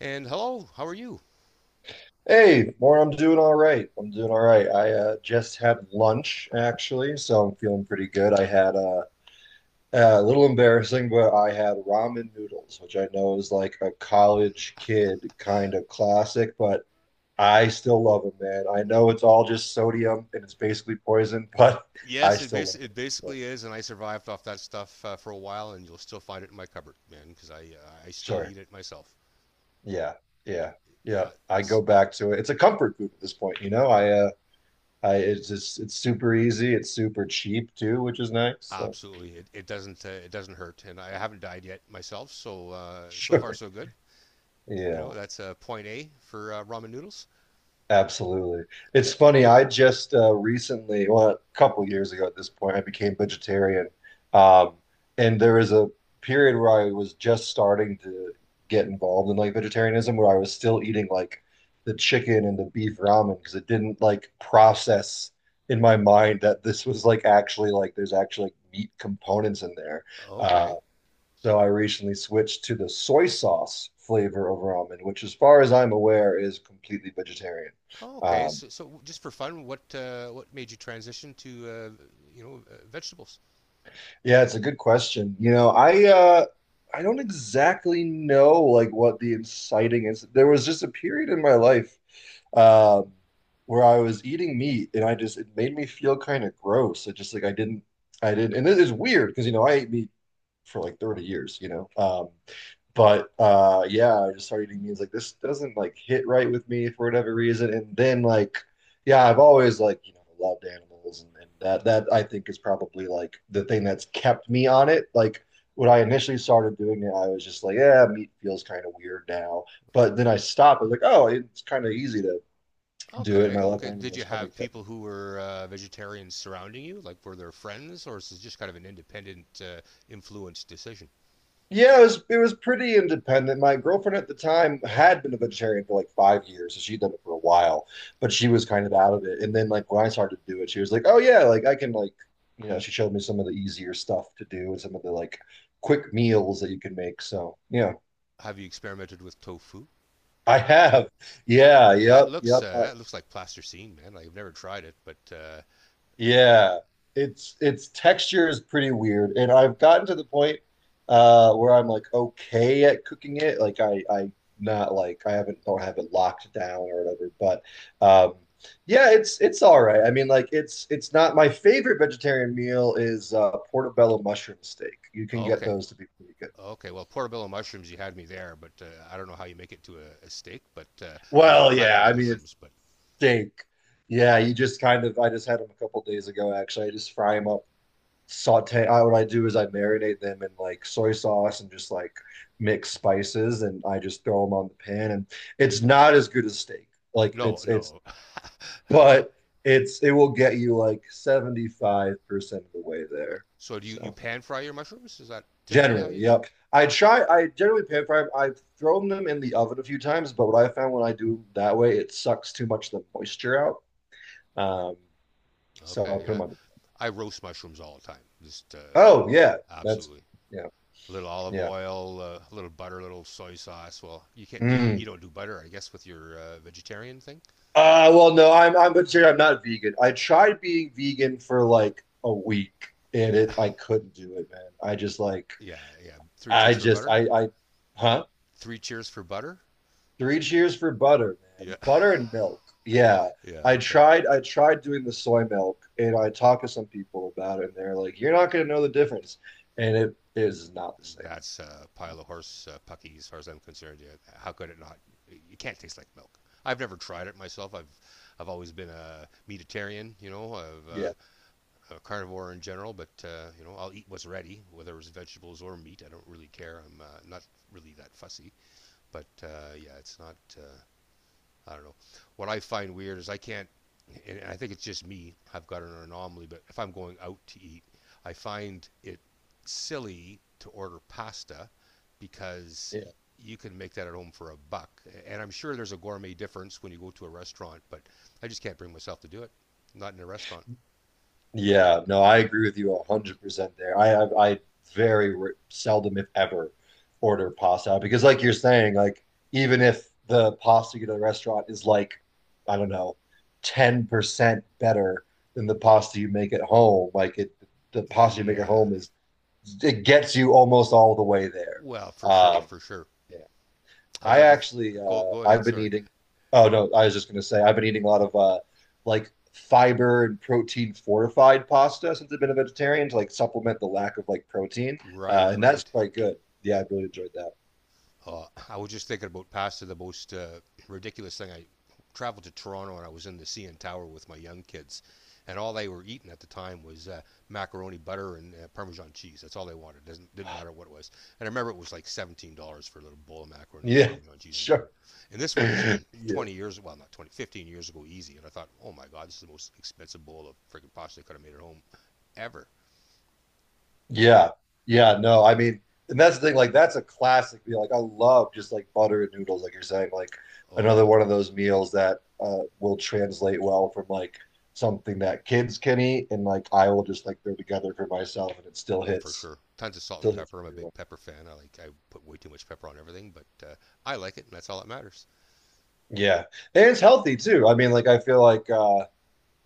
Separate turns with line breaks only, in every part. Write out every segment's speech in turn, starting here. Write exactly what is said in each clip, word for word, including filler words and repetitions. And hello, how are you?
Hey, more. I'm doing all right. I'm doing all right. I uh, just had lunch actually, so I'm feeling pretty good. I had uh, uh, A little embarrassing, but I had ramen noodles, which I know is like a college kid kind of classic, but I still love them, man. I know it's all just sodium and it's basically poison, but I
Yes, it,
still
bas-
love
it
it. So,
basically is, and I survived off that stuff uh, for a while, and you'll still find it in my cupboard, man, because I uh, I still
sure.
eat it myself.
Yeah. Yeah. Yeah.
Yeah,
I
it's
go back to it. It's a comfort food at this point, you know. I uh I it's just it's super easy. It's super cheap too, which is nice. So.
absolutely. It, it doesn't uh, it doesn't hurt, and I haven't died yet myself, so uh, so far
Sure.
so good. You
Yeah,
know, that's uh, point A for uh, ramen noodles.
absolutely. It's funny. I just uh, recently, well, a couple of years ago at this point, I became vegetarian. Um, and there was a period where I was just starting to get involved in like vegetarianism, where I was still eating like the chicken and the beef ramen because it didn't like process in my mind that this was like actually like there's actually like meat components in there. uh,
Okay,
So I recently switched to the soy sauce flavor over almond, which, as far as I'm aware, is completely vegetarian.
oh, okay.
Um,
So, so just for fun, what uh, what made you transition to uh, you know uh, vegetables?
yeah, it's a good question. You know, I uh, I don't exactly know like what the inciting is. There was just a period in my life, um, where I was eating meat, and I just it made me feel kind of gross. It just like I didn't, I didn't, and it is weird because you know I ate meat for like thirty years, you know. Um, but uh yeah, I just started eating beans, like this doesn't like hit right with me for whatever reason, and then like yeah, I've always like you know loved animals, and, and that that I think is probably like the thing that's kept me on it. Like when I initially started doing it, I was just like, yeah, meat feels kind of weird now, but then I stopped. I was like, oh, it's kind of easy to do it, and
Okay,
my love for
okay. Did you
animals kind
have
of kept me.
people who were uh, vegetarians surrounding you? Like, were there friends, or is this just kind of an independent uh, influence decision?
Yeah, it was it was pretty independent. My girlfriend at the time had been a vegetarian for like five years, so she'd done it for a while, but she
Okay.
was kind of out of it. And then like when I started to do it, she was like, "Oh yeah, like I can, like, you know." She showed me some of the easier stuff to do and some of the like quick meals that you can make. So yeah,
Have you experimented with tofu?
I have. Yeah,
That
yep,
looks
yep.
uh,
I,
that looks like plasticine, man. Like, I've never tried it, but uh,
Yeah, it's its texture is pretty weird, and I've gotten to the point uh where I'm like okay at cooking it. Like I I not like I haven't don't have it locked down or whatever, but um yeah, it's it's all right. I mean, like it's it's not, my favorite vegetarian meal is uh portobello mushroom steak. You can get
okay,
those to be pretty good.
okay. Well, portobello mushrooms, you had me there, but uh, I don't know how you make it to a, a steak. But uh, I love
Well,
I
yeah,
love
I mean it's
mushrooms, but
steak. Yeah, you just kind of, I just had them a couple days ago actually. I just fry them up, saute. I, what I do is I marinate them in like soy sauce and just like mix spices, and I just throw them on the pan. And it's not as good as steak. Like
no,
it's it's,
no. Uh,
but it's it will get you like seventy-five percent of the way there.
so do you you
So
pan fry your mushrooms? Is that typically how you
generally,
do it?
yep. I try. I generally pan fry them. 'Em. I've thrown them in the oven a few times, but what I found when I do that way, it sucks too much of the moisture out. Um, so I'll
Okay,
put
yeah.
them on the pan.
I roast mushrooms all the time. Just uh,
Oh yeah, that's
absolutely.
yeah,
A little olive
yeah.
oil, uh, a little butter, a little soy sauce. Well, you can't. You, you
Mm.
don't do butter, I guess, with your uh, vegetarian thing.
Uh, well, no, I'm I'm vegetarian. I'm not vegan. I tried being vegan for like a week, and
Yeah.
it I couldn't do it, man. I just like,
Yeah. Yeah. Three
I
cheers for
just,
butter.
I I huh?
Three cheers for butter.
Three cheers for butter,
Yeah.
man. Butter and milk. Yeah.
Yeah.
I
Okay.
tried I tried doing the soy milk, and I talked to some people about it, and they're like, "You're not gonna know the difference," and it is not the same.
That's a pile of horse uh, pucky, as far as I'm concerned. Yeah. How could it not? It can't taste like milk. I've never tried it myself. I've I've always been a meatitarian. You know, I've uh,
Yeah.
uh, carnivore in general, but uh, you know I'll eat what's ready, whether it's vegetables or meat. I don't really care. I'm uh, not really that fussy. But uh, yeah, it's not. Uh, I don't know. What I find weird is I can't, and I think it's just me. I've got an anomaly, but if I'm going out to eat, I find it silly to order pasta because you can make that at home for a buck. And I'm sure there's a gourmet difference when you go to a restaurant, but I just can't bring myself to do it. Not in a restaurant.
Yeah, no, I agree with you one hundred percent there. I have, I very re- seldom, if ever, order pasta because, like you're saying, like even if the pasta you get at the restaurant is like, I don't know, ten percent better than the pasta you make at home, like it, the pasta you make at
Yeah,
home is, it gets you almost all the way there.
well, for sure,
Um,
for sure.
yeah.
I'll
I
never
actually,
go.
uh
Go ahead.
I've been
Sorry.
eating, oh no, I was just gonna say I've been eating a lot of uh like fiber and protein fortified pasta since I've been a vegetarian to like supplement the lack of like protein. Uh
Right,
and that's
right.
quite good. Yeah, I really enjoyed that.
Uh, I was just thinking about pasta. The most uh, ridiculous thing. I traveled to Toronto and I was in the C N Tower with my young kids, and all they were eating at the time was uh, macaroni butter and uh, Parmesan cheese. That's all they wanted. Doesn't Didn't matter what it was. And I remember it was like seventeen dollars for a little bowl of macaroni with
Yeah,
Parmesan cheese and
sure.
butter. And this was
Yeah.
twenty years. Well, not twenty, fifteen years ago, easy. And I thought, oh my God, this is the most expensive bowl of freaking pasta I could have made at home ever.
Yeah. Yeah. No, I mean, and that's the thing, like that's a classic meal. Like I love just like butter and noodles, like you're saying, like
Oh
another
yeah,
one of those meals that uh will translate well from like something that kids can eat and like I will just like throw together for myself and it still
oh, for
hits
sure. Tons of salt and
still hits
pepper. I'm a
pretty well.
big pepper fan. I like I put way too much pepper on everything, but uh, I like it, and that's all that matters.
Yeah. And it's healthy too. I mean, like I feel like, uh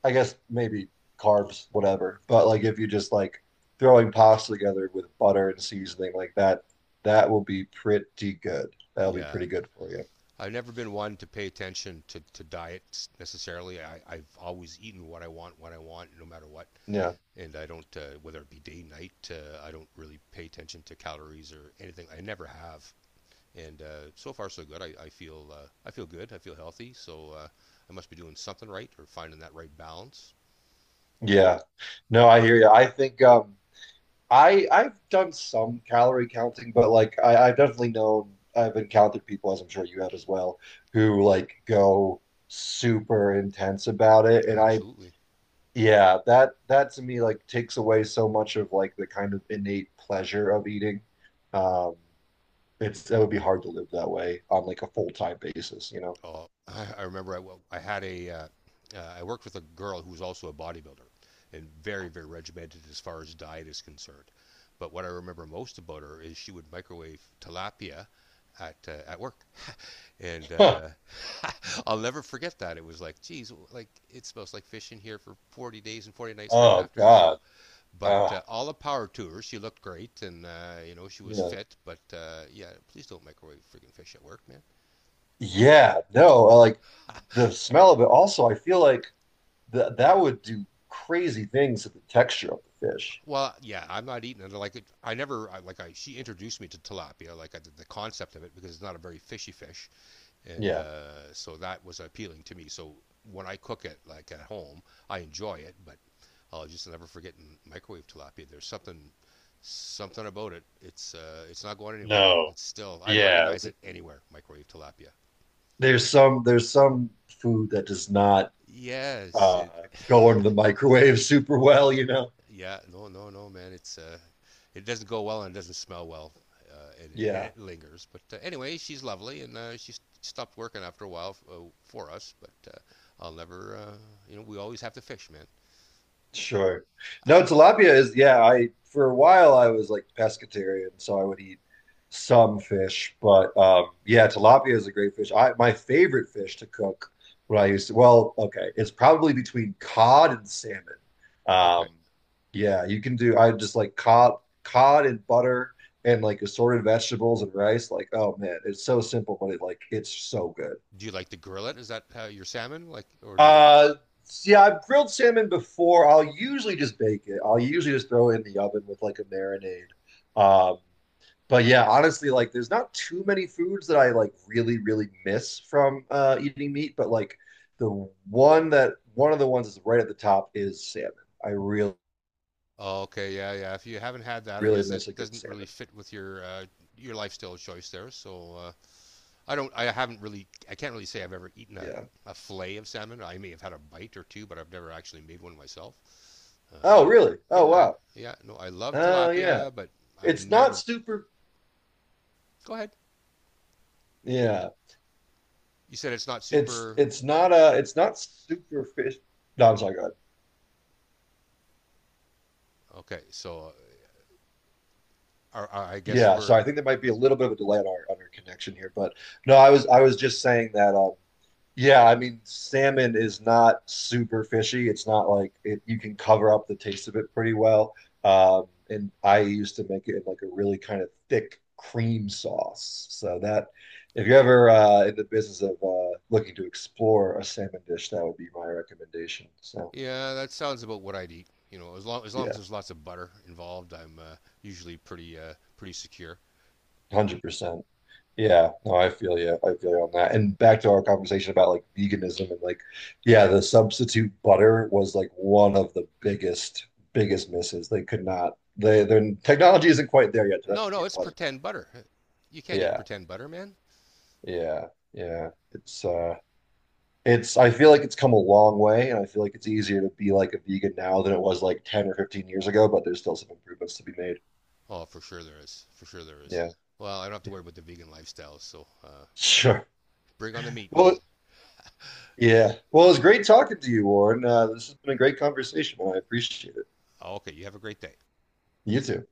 I guess maybe carbs, whatever. But like if you just like throwing pasta together with butter and seasoning like that, that will be pretty good. That'll be
Yeah,
pretty good for you.
I've never been one to pay attention to to diets necessarily. I, I've always eaten what I want, when I want, no matter what.
Yeah.
And I don't, uh, whether it be day, night, uh, I don't really pay attention to calories or anything. I never have. And uh, so far, so good. I, I feel uh, I feel good. I feel healthy. So uh, I must be doing something right or finding that right balance.
Yeah. No, I hear you. I think, um I I've done some calorie counting, but like I, I've definitely known, I've encountered people, as I'm sure you have as well, who like go super intense about it. And I
Absolutely.
yeah, that that to me like takes away so much of like the kind of innate pleasure of eating. Um it's That would be hard to live that way on like a full-time basis, you know?
Oh, I, I remember I, well, I had a, uh, uh, I worked with a girl who was also a bodybuilder and very, very regimented as far as diet is concerned. But what I remember most about her is she would microwave tilapia at uh, at work, and
Huh.
uh, I'll never forget that. It was like, geez, like it smells like fish in here for forty days and forty nights right
Oh
after. So,
God.
but
Uh,
uh, all the power to her. She looked great, and uh, you know she was
yeah.
fit. But uh, yeah, please don't microwave freaking fish at work, man.
Yeah, no, uh, like the smell of it. Also, I feel like that that would do crazy things to the texture of the fish.
Well, yeah, I'm not eating it. Like I never I, like I. She introduced me to tilapia, like I, the concept of it, because it's not a very fishy fish, and
Yeah,
uh, so that was appealing to me. So when I cook it, like at home, I enjoy it, but I'll just never forget in microwave tilapia. There's something, something about it. It's uh, it's not going anywhere. Like
no,
it's still, I'd
yeah.
recognize
th-
it anywhere. Microwave tilapia.
There's some there's some food that does not,
Yes,
uh,
it
go into the microwave super well, you know.
yeah, no, no, no, man. It's uh, it doesn't go well and it doesn't smell well, uh, and, it, and
Yeah.
it lingers. But uh, anyway, she's lovely, and uh, she st- stopped working after a while f- uh, for us. But uh, I'll never, uh, you know, we always have to fish, man.
Sure. No, tilapia is, yeah, I for a while I was like pescatarian, so I would eat some fish, but um yeah, tilapia is a great fish. I My favorite fish to cook when I used to, well, okay, it's probably between cod and salmon.
Okay.
Um yeah, you can do I just like cod cod and butter and like assorted vegetables and rice. Like, oh man, it's so simple, but it, like, it's so good.
Do you like to grill it? Is that uh, your salmon, like, or do you?
Uh, yeah, I've grilled salmon before. I'll usually just bake it. I'll usually just throw it in the oven with like a marinade. Um, but yeah, honestly, like there's not too many foods that I like really, really miss from uh, eating meat. But like the one that one of the ones that's right at the top is salmon. I really,
Oh, okay, yeah, yeah. If you haven't had that, I
really
guess that
miss a good
doesn't really
salmon.
fit with your uh, your lifestyle choice there. So uh, I don't. I haven't really. I can't really say I've ever eaten a,
Yeah.
a fillet of salmon. I may have had a bite or two, but I've never actually made one myself.
Oh,
Um,
really? Oh,
yeah,
wow.
yeah. No, I love
Oh, yeah.
tilapia, but I've
It's not
never.
super.
Go ahead.
Yeah.
You said it's not
It's
super.
it's not uh it's not super fish. No, I'm sorry. Go ahead.
Okay, so uh, I I guess
Yeah, so
we're.
I think there might be a little bit of a delay on our on our connection here, but no, I was I was just saying that, um yeah, I mean salmon is not super fishy. It's not like it, you can cover up the taste of it pretty well. Um and I used to make it in like a really kind of thick cream sauce. So that if you're ever uh in the business of uh looking to explore a salmon dish, that would be my recommendation. So
Yeah, that sounds about what I'd eat. You know, as long as long as
yeah,
there's lots of butter involved, I'm uh, usually pretty uh, pretty secure.
one hundred percent. Yeah, no, I feel you. I feel you on that. And back to our conversation about like veganism and like, yeah, the substitute butter was like one of the biggest, biggest misses. They could not, they, their technology isn't quite there yet to
No, no,
replicate
it's
butter.
pretend butter. You can't eat
Yeah,
pretend butter, man.
yeah, yeah. It's, uh, it's, I feel like it's come a long way and I feel like it's easier to be like a vegan now than it was like ten or fifteen years ago, but there's still some improvements to be made.
Oh, for sure there is. For sure there is.
Yeah,
Well, I don't have to
yeah,
worry about the vegan lifestyle. So uh,
sure.
bring on the meat, man.
Well, Yeah. Well, it was great talking to you, Warren. Uh, this has been a great conversation, and I appreciate it.
Okay, you have a great day.
You too.